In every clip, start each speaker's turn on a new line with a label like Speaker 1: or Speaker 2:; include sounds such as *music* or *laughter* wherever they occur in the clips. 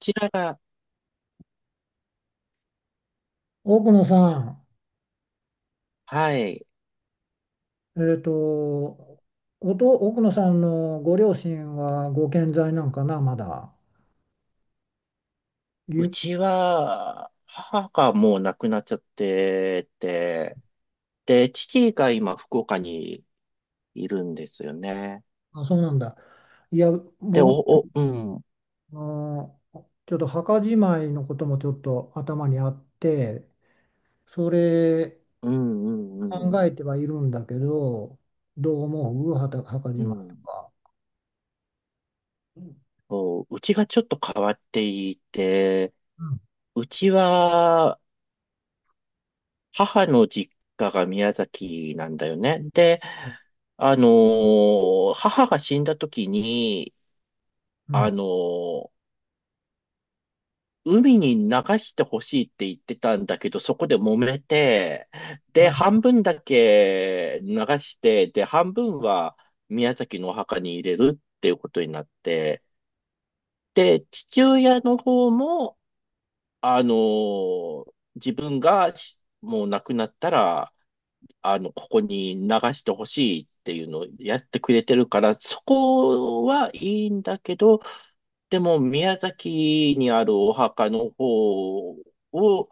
Speaker 1: ちらが、
Speaker 2: 奥野さん、
Speaker 1: はい。
Speaker 2: えっと、奥野さんのご両親はご健在なんかな、まだ。
Speaker 1: う
Speaker 2: ゆ
Speaker 1: ちは、母がもう亡くなっちゃってて、で、父が今、福岡にいるんですよね。
Speaker 2: あ、そうなんだ。いや、
Speaker 1: で、
Speaker 2: 僕、
Speaker 1: うん、うん、
Speaker 2: あのちょっと墓じまいのこともちょっと頭にあって、それ
Speaker 1: うん、う
Speaker 2: 考え
Speaker 1: ん、
Speaker 2: てはいるんだけど、どう思う墓じ
Speaker 1: う
Speaker 2: まい
Speaker 1: ん。
Speaker 2: とか。うん、
Speaker 1: そう、うちがちょっと変わっていて、うちは、母の実家が宮崎なんだよね。で、母が死んだ時に、
Speaker 2: う
Speaker 1: あ
Speaker 2: ん、
Speaker 1: のー海に流してほしいって言ってたんだけど、そこで揉めて、
Speaker 2: は
Speaker 1: で、
Speaker 2: い。
Speaker 1: 半分だけ流して、で、半分は宮崎のお墓に入れるっていうことになって、で、父親の方も、自分がもう亡くなったら、あの、ここに流してほしいっていうのをやってくれてるから、そこはいいんだけど、でも宮崎にあるお墓の方を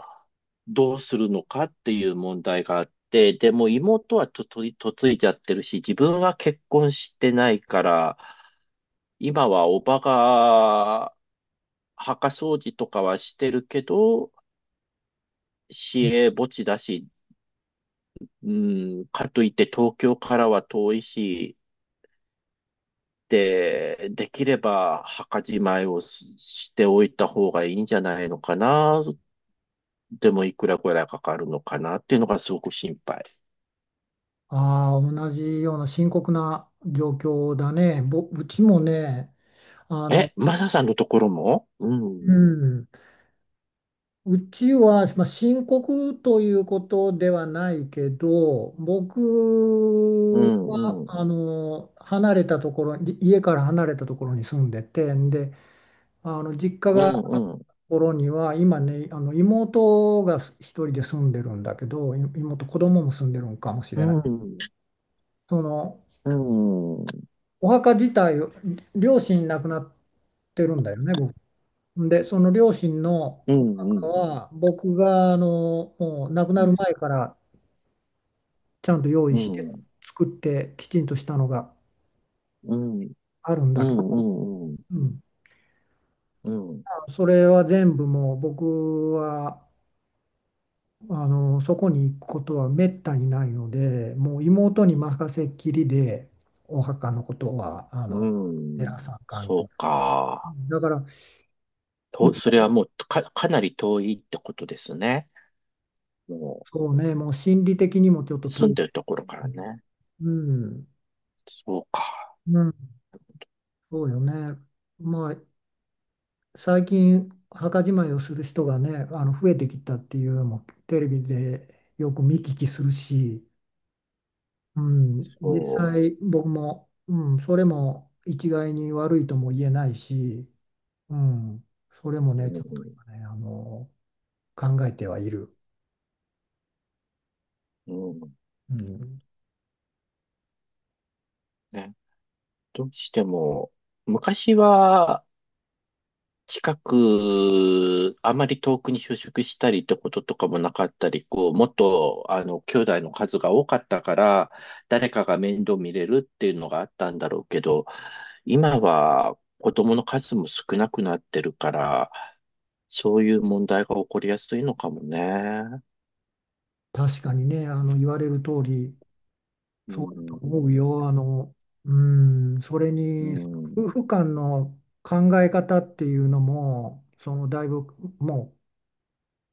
Speaker 1: どうするのかっていう問題があって、でも妹は嫁いじゃってるし、自分は結婚してないから、今はおばが墓掃除とかはしてるけど、市営墓地だし、うん、かといって東京からは遠いし、で、できれば墓じまいをしておいた方がいいんじゃないのかな。でもいくらぐらいかかるのかなっていうのがすごく心配。
Speaker 2: ああ、同じような深刻な状況だね。うちもね、あの、
Speaker 1: え、マサさんのところも、う
Speaker 2: う
Speaker 1: ん、
Speaker 2: ん、うちは、まあ、深刻ということではないけど、
Speaker 1: う
Speaker 2: 僕は
Speaker 1: ん、うん、
Speaker 2: 離れたところに、家から離れたところに住んでて、で、実家
Speaker 1: う
Speaker 2: がある
Speaker 1: ん、
Speaker 2: と
Speaker 1: うん、
Speaker 2: ころには、今ね、妹が一人で住んでるんだけど、妹、子供も住んでるんかもし
Speaker 1: う
Speaker 2: れない。
Speaker 1: ん、
Speaker 2: その
Speaker 1: うん、うん、
Speaker 2: お墓自体を、両親亡くなってるんだよね、僕。で、その両親の
Speaker 1: う
Speaker 2: お墓
Speaker 1: ん、
Speaker 2: は、僕がもう亡く
Speaker 1: う
Speaker 2: なる
Speaker 1: ん、
Speaker 2: 前からちゃんと用意
Speaker 1: う
Speaker 2: し
Speaker 1: ん、
Speaker 2: て
Speaker 1: うん、
Speaker 2: 作ってきちんとしたのが
Speaker 1: うん、
Speaker 2: あるんだけど、うん、
Speaker 1: うん、
Speaker 2: それは全部もう僕はそこに行くことはめったにないのでもう妹に任せっきりでお墓のことは
Speaker 1: う
Speaker 2: 寺
Speaker 1: ん、
Speaker 2: さん関係
Speaker 1: そうか。
Speaker 2: だから、ま
Speaker 1: と、そ
Speaker 2: あ、
Speaker 1: れはもうかなり遠いってことですね。も
Speaker 2: そうねもう心理的にもちょっ
Speaker 1: う
Speaker 2: と
Speaker 1: 住ん
Speaker 2: 遠く。
Speaker 1: でるところからね。
Speaker 2: うん、
Speaker 1: そうか。
Speaker 2: うん、そうよね。まあ最近墓じまいをする人がね増えてきたっていうのもテレビでよく見聞きするし、うん、
Speaker 1: そ
Speaker 2: 実際僕も、うん、それも一概に悪いとも言えないし、うん、それも
Speaker 1: う、
Speaker 2: ね
Speaker 1: う
Speaker 2: ちょっと
Speaker 1: ん、
Speaker 2: 今ね考えてはいる。
Speaker 1: うん。
Speaker 2: うん、
Speaker 1: ね、どうしても、昔はあまり遠くに就職したりってこととかもなかったり、こう、もっと、あの、兄弟の数が多かったから、誰かが面倒見れるっていうのがあったんだろうけど、今は子供の数も少なくなってるから、そういう問題が起こりやすいのかもね。
Speaker 2: 確かにね言われる通り
Speaker 1: う
Speaker 2: そうだと
Speaker 1: ん、
Speaker 2: 思うよ。うん、それ
Speaker 1: う
Speaker 2: に
Speaker 1: ん。
Speaker 2: 夫婦間の考え方っていうのもだいぶもう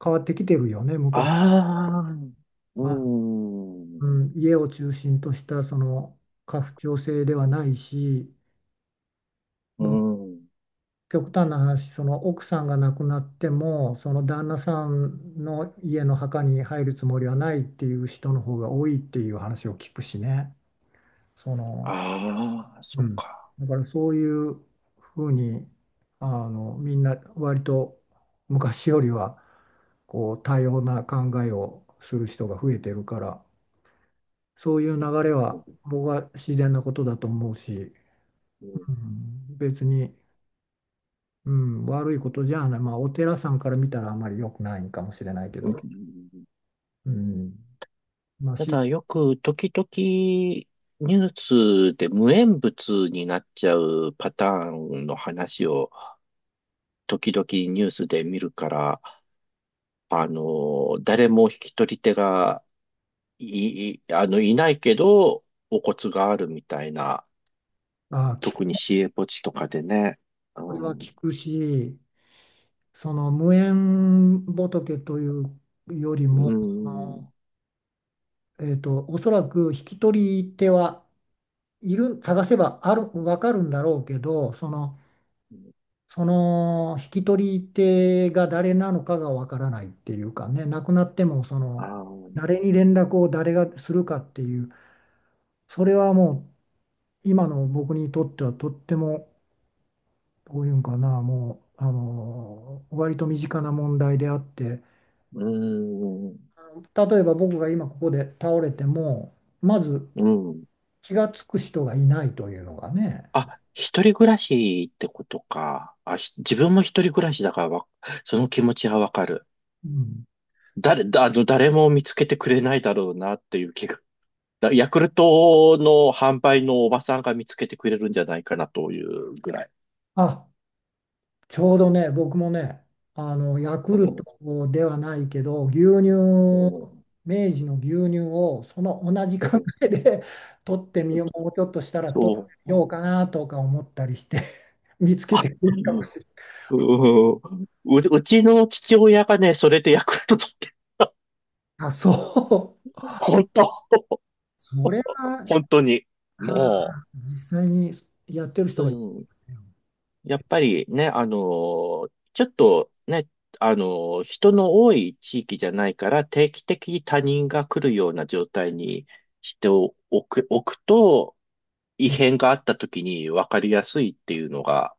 Speaker 2: 変わってきてるよね、昔
Speaker 1: ああ、う
Speaker 2: は。う
Speaker 1: ん。
Speaker 2: ん、家を中心としたその家父長制ではないし、
Speaker 1: う
Speaker 2: もう
Speaker 1: ん。
Speaker 2: 極端な話、その奥さんが亡くなっても、その旦那さんの家の墓に入るつもりはないっていう人の方が多いっていう話を聞くしね。その、
Speaker 1: ああ、そ
Speaker 2: う
Speaker 1: っ
Speaker 2: ん。
Speaker 1: か。
Speaker 2: だからそういうふうに、みんな割と昔よりはこう多様な考えをする人が増えてるから。そういう流れは
Speaker 1: う
Speaker 2: 僕は自然なことだと思うし、
Speaker 1: ん、
Speaker 2: うん、別に、うん、悪いことじゃない、まあ、お寺さんから見たらあまり良くないんかもしれないけ
Speaker 1: うん。
Speaker 2: ど、うん、まあ、
Speaker 1: ただよく時々ニュースで無縁物になっちゃうパターンの話を時々ニュースで見るから、あの、誰も引き取り手があの、いないけど、お骨があるみたいな、
Speaker 2: あ、き
Speaker 1: 特に市営墓地とかでね。う
Speaker 2: これは
Speaker 1: ん、
Speaker 2: 聞くし、その無縁仏というより
Speaker 1: う
Speaker 2: も、そ
Speaker 1: ん、
Speaker 2: のおそらく引き取り手はいる、探せばある、分かるんだろうけど、その引き取り手が誰なのかがわからないっていうかね、亡くなっても
Speaker 1: あー、
Speaker 2: 誰に連絡を誰がするかっていう、それはもう今の僕にとってはとっても、どういうんかな、もう、割と身近な問題であって、
Speaker 1: うん、
Speaker 2: 例えば僕が今ここで倒れても、まず
Speaker 1: うん。
Speaker 2: 気がつく人がいないというのがね、
Speaker 1: あ、一人暮らしってことか。あ、自分も一人暮らしだからその気持ちはわかる。
Speaker 2: うん、
Speaker 1: あの、誰も見つけてくれないだろうなっていう気が。だヤクルトの販売のおばさんが見つけてくれるんじゃないかなというぐらい。
Speaker 2: あ、ちょうどね、僕もね、ヤク
Speaker 1: う
Speaker 2: ルト
Speaker 1: ん、
Speaker 2: ではないけど、牛乳、
Speaker 1: うん、
Speaker 2: 明治の牛乳をその同じ考
Speaker 1: うん。
Speaker 2: えで *laughs* 取ってみよう、もうちょっとしたら取って
Speaker 1: そ
Speaker 2: みよう
Speaker 1: う。
Speaker 2: かなとか思ったりして *laughs* 見つけ
Speaker 1: あ、
Speaker 2: てくれ
Speaker 1: う
Speaker 2: るかも
Speaker 1: ん、
Speaker 2: しれない。
Speaker 1: うん、う、うちの父親がね、それでヤクルト取って、
Speaker 2: あ、そう。
Speaker 1: 本当、
Speaker 2: それは、
Speaker 1: 本当に。
Speaker 2: あ
Speaker 1: も
Speaker 2: 実際にやってる人
Speaker 1: う、
Speaker 2: がいる。
Speaker 1: うん。やっぱりね、ちょっとね、あの人の多い地域じゃないから定期的に他人が来るような状態にしておく、おくと、異
Speaker 2: うん、
Speaker 1: 変があった時に分かりやすいっていうのが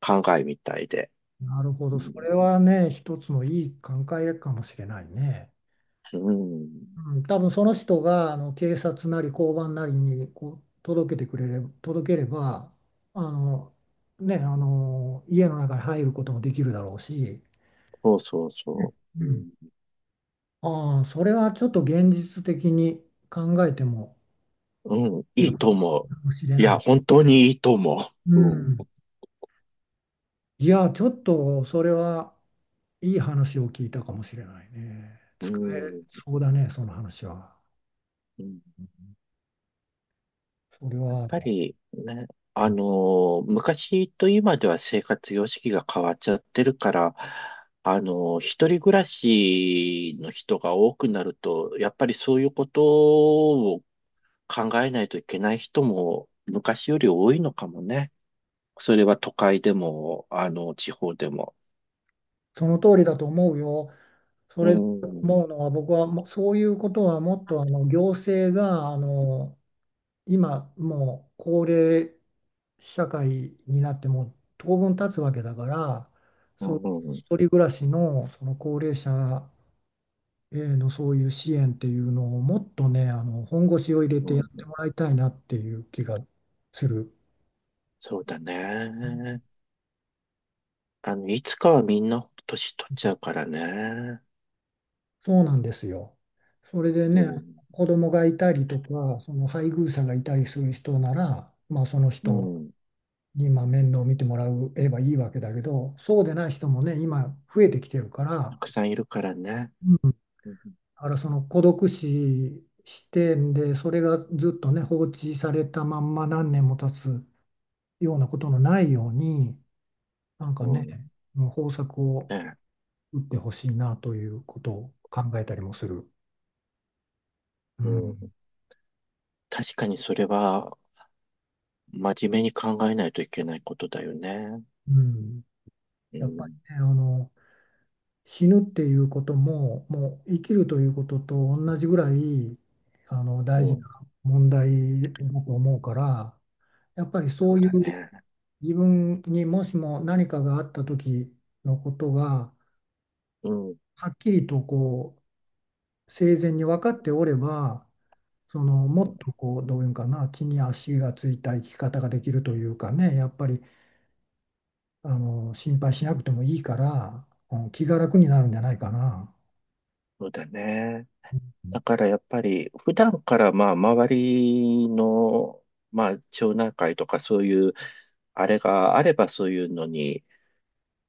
Speaker 1: 考えみたいで。
Speaker 2: なるほ
Speaker 1: う
Speaker 2: ど。そ
Speaker 1: ん、
Speaker 2: れはね、一つのいい考えかもしれないね。
Speaker 1: うん。
Speaker 2: うん、多分その人が警察なり交番なりにこう届けてくれれば、届ければあの、ね、家の中に入ることもできるだろうし、
Speaker 1: そうそうそ
Speaker 2: う
Speaker 1: う。
Speaker 2: ん。
Speaker 1: う
Speaker 2: ああ、それはちょっと現実的に考えても
Speaker 1: ん、うん、
Speaker 2: いい
Speaker 1: い
Speaker 2: か
Speaker 1: いと思う。
Speaker 2: もしれ
Speaker 1: い
Speaker 2: ない。
Speaker 1: や、本当にいいと思
Speaker 2: う
Speaker 1: う。う
Speaker 2: ん。
Speaker 1: ん、
Speaker 2: いや、ちょっとそれはいい話を聞いたかもしれないね。
Speaker 1: う
Speaker 2: 使え
Speaker 1: ん、
Speaker 2: そうだね、その話は。
Speaker 1: うん。
Speaker 2: それ
Speaker 1: やっ
Speaker 2: は、
Speaker 1: ぱりね、あの昔と今では生活様式が変わっちゃってるから、一人暮らしの人が多くなると、やっぱりそういうことを考えないといけない人も昔より多いのかもね。それは都会でも、あの、地方でも。
Speaker 2: その通りだと思うよ。そ
Speaker 1: う
Speaker 2: れで
Speaker 1: ん、
Speaker 2: 思うのは僕はもうそういうことはもっと行政が今もう高齢社会になってもう当分経つわけだから
Speaker 1: う
Speaker 2: そう
Speaker 1: ん、
Speaker 2: 一人暮らしのその高齢者へのそういう支援っていうのをもっとね本腰を入れ
Speaker 1: う
Speaker 2: てや
Speaker 1: ん、
Speaker 2: ってもらいたいなっていう気がする。
Speaker 1: そうだね。あの、いつかはみんな年取っちゃうからね。
Speaker 2: そうなんですよ。それで
Speaker 1: う
Speaker 2: ね
Speaker 1: ん、
Speaker 2: 子供がいたりとかその配偶者がいたりする人ならまあその
Speaker 1: う
Speaker 2: 人
Speaker 1: ん。
Speaker 2: に、まあ、面倒を見てもらえばいいわけだけど、そうでない人もね、今増えてきてるか
Speaker 1: た
Speaker 2: ら、
Speaker 1: くさんいるからね。
Speaker 2: うん、だ
Speaker 1: うん、
Speaker 2: からその孤独死視点で、それがずっとね、放置されたまんま何年も経つようなことのないように、なんか
Speaker 1: う
Speaker 2: ね、
Speaker 1: ん。
Speaker 2: もう方策を
Speaker 1: ね。
Speaker 2: 打ってほしいなということを考えたりもする。う
Speaker 1: う
Speaker 2: ん。
Speaker 1: ん。確かにそれは、真面目に考えないといけないことだよね。
Speaker 2: うん。
Speaker 1: う
Speaker 2: やっぱり
Speaker 1: ん。
Speaker 2: ね、死ぬっていうことも、もう生きるということと同じぐらい
Speaker 1: う
Speaker 2: 大事
Speaker 1: ん。
Speaker 2: な問題だと思うから、やっぱりそ
Speaker 1: そう
Speaker 2: うい
Speaker 1: だ
Speaker 2: う
Speaker 1: ね。
Speaker 2: 自分にもしも何かがあった時のことが
Speaker 1: うん。うん。
Speaker 2: はっきりとこう生前に分かっておれば、もっとこうどういうんかな、地に足がついた生き方ができるというかね、やっぱり心配しなくてもいいから、うん気が楽になるんじゃないかな。
Speaker 1: そうだね。
Speaker 2: うん、
Speaker 1: だからやっぱり、普段からまあ、周りの、まあ、町内会とかそういう、あれがあればそういうのに、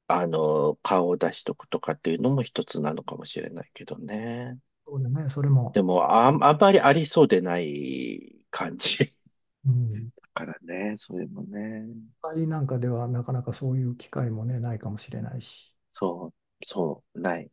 Speaker 1: あの、顔を出しとくとかっていうのも一つなのかもしれないけどね。
Speaker 2: そうだね、それも。
Speaker 1: でも、あんまりありそうでない感じ。
Speaker 2: うん、
Speaker 1: からね、それもね、
Speaker 2: 会なんかではなかなかそういう機会もね、ないかもしれないし。
Speaker 1: そう、そう、ない。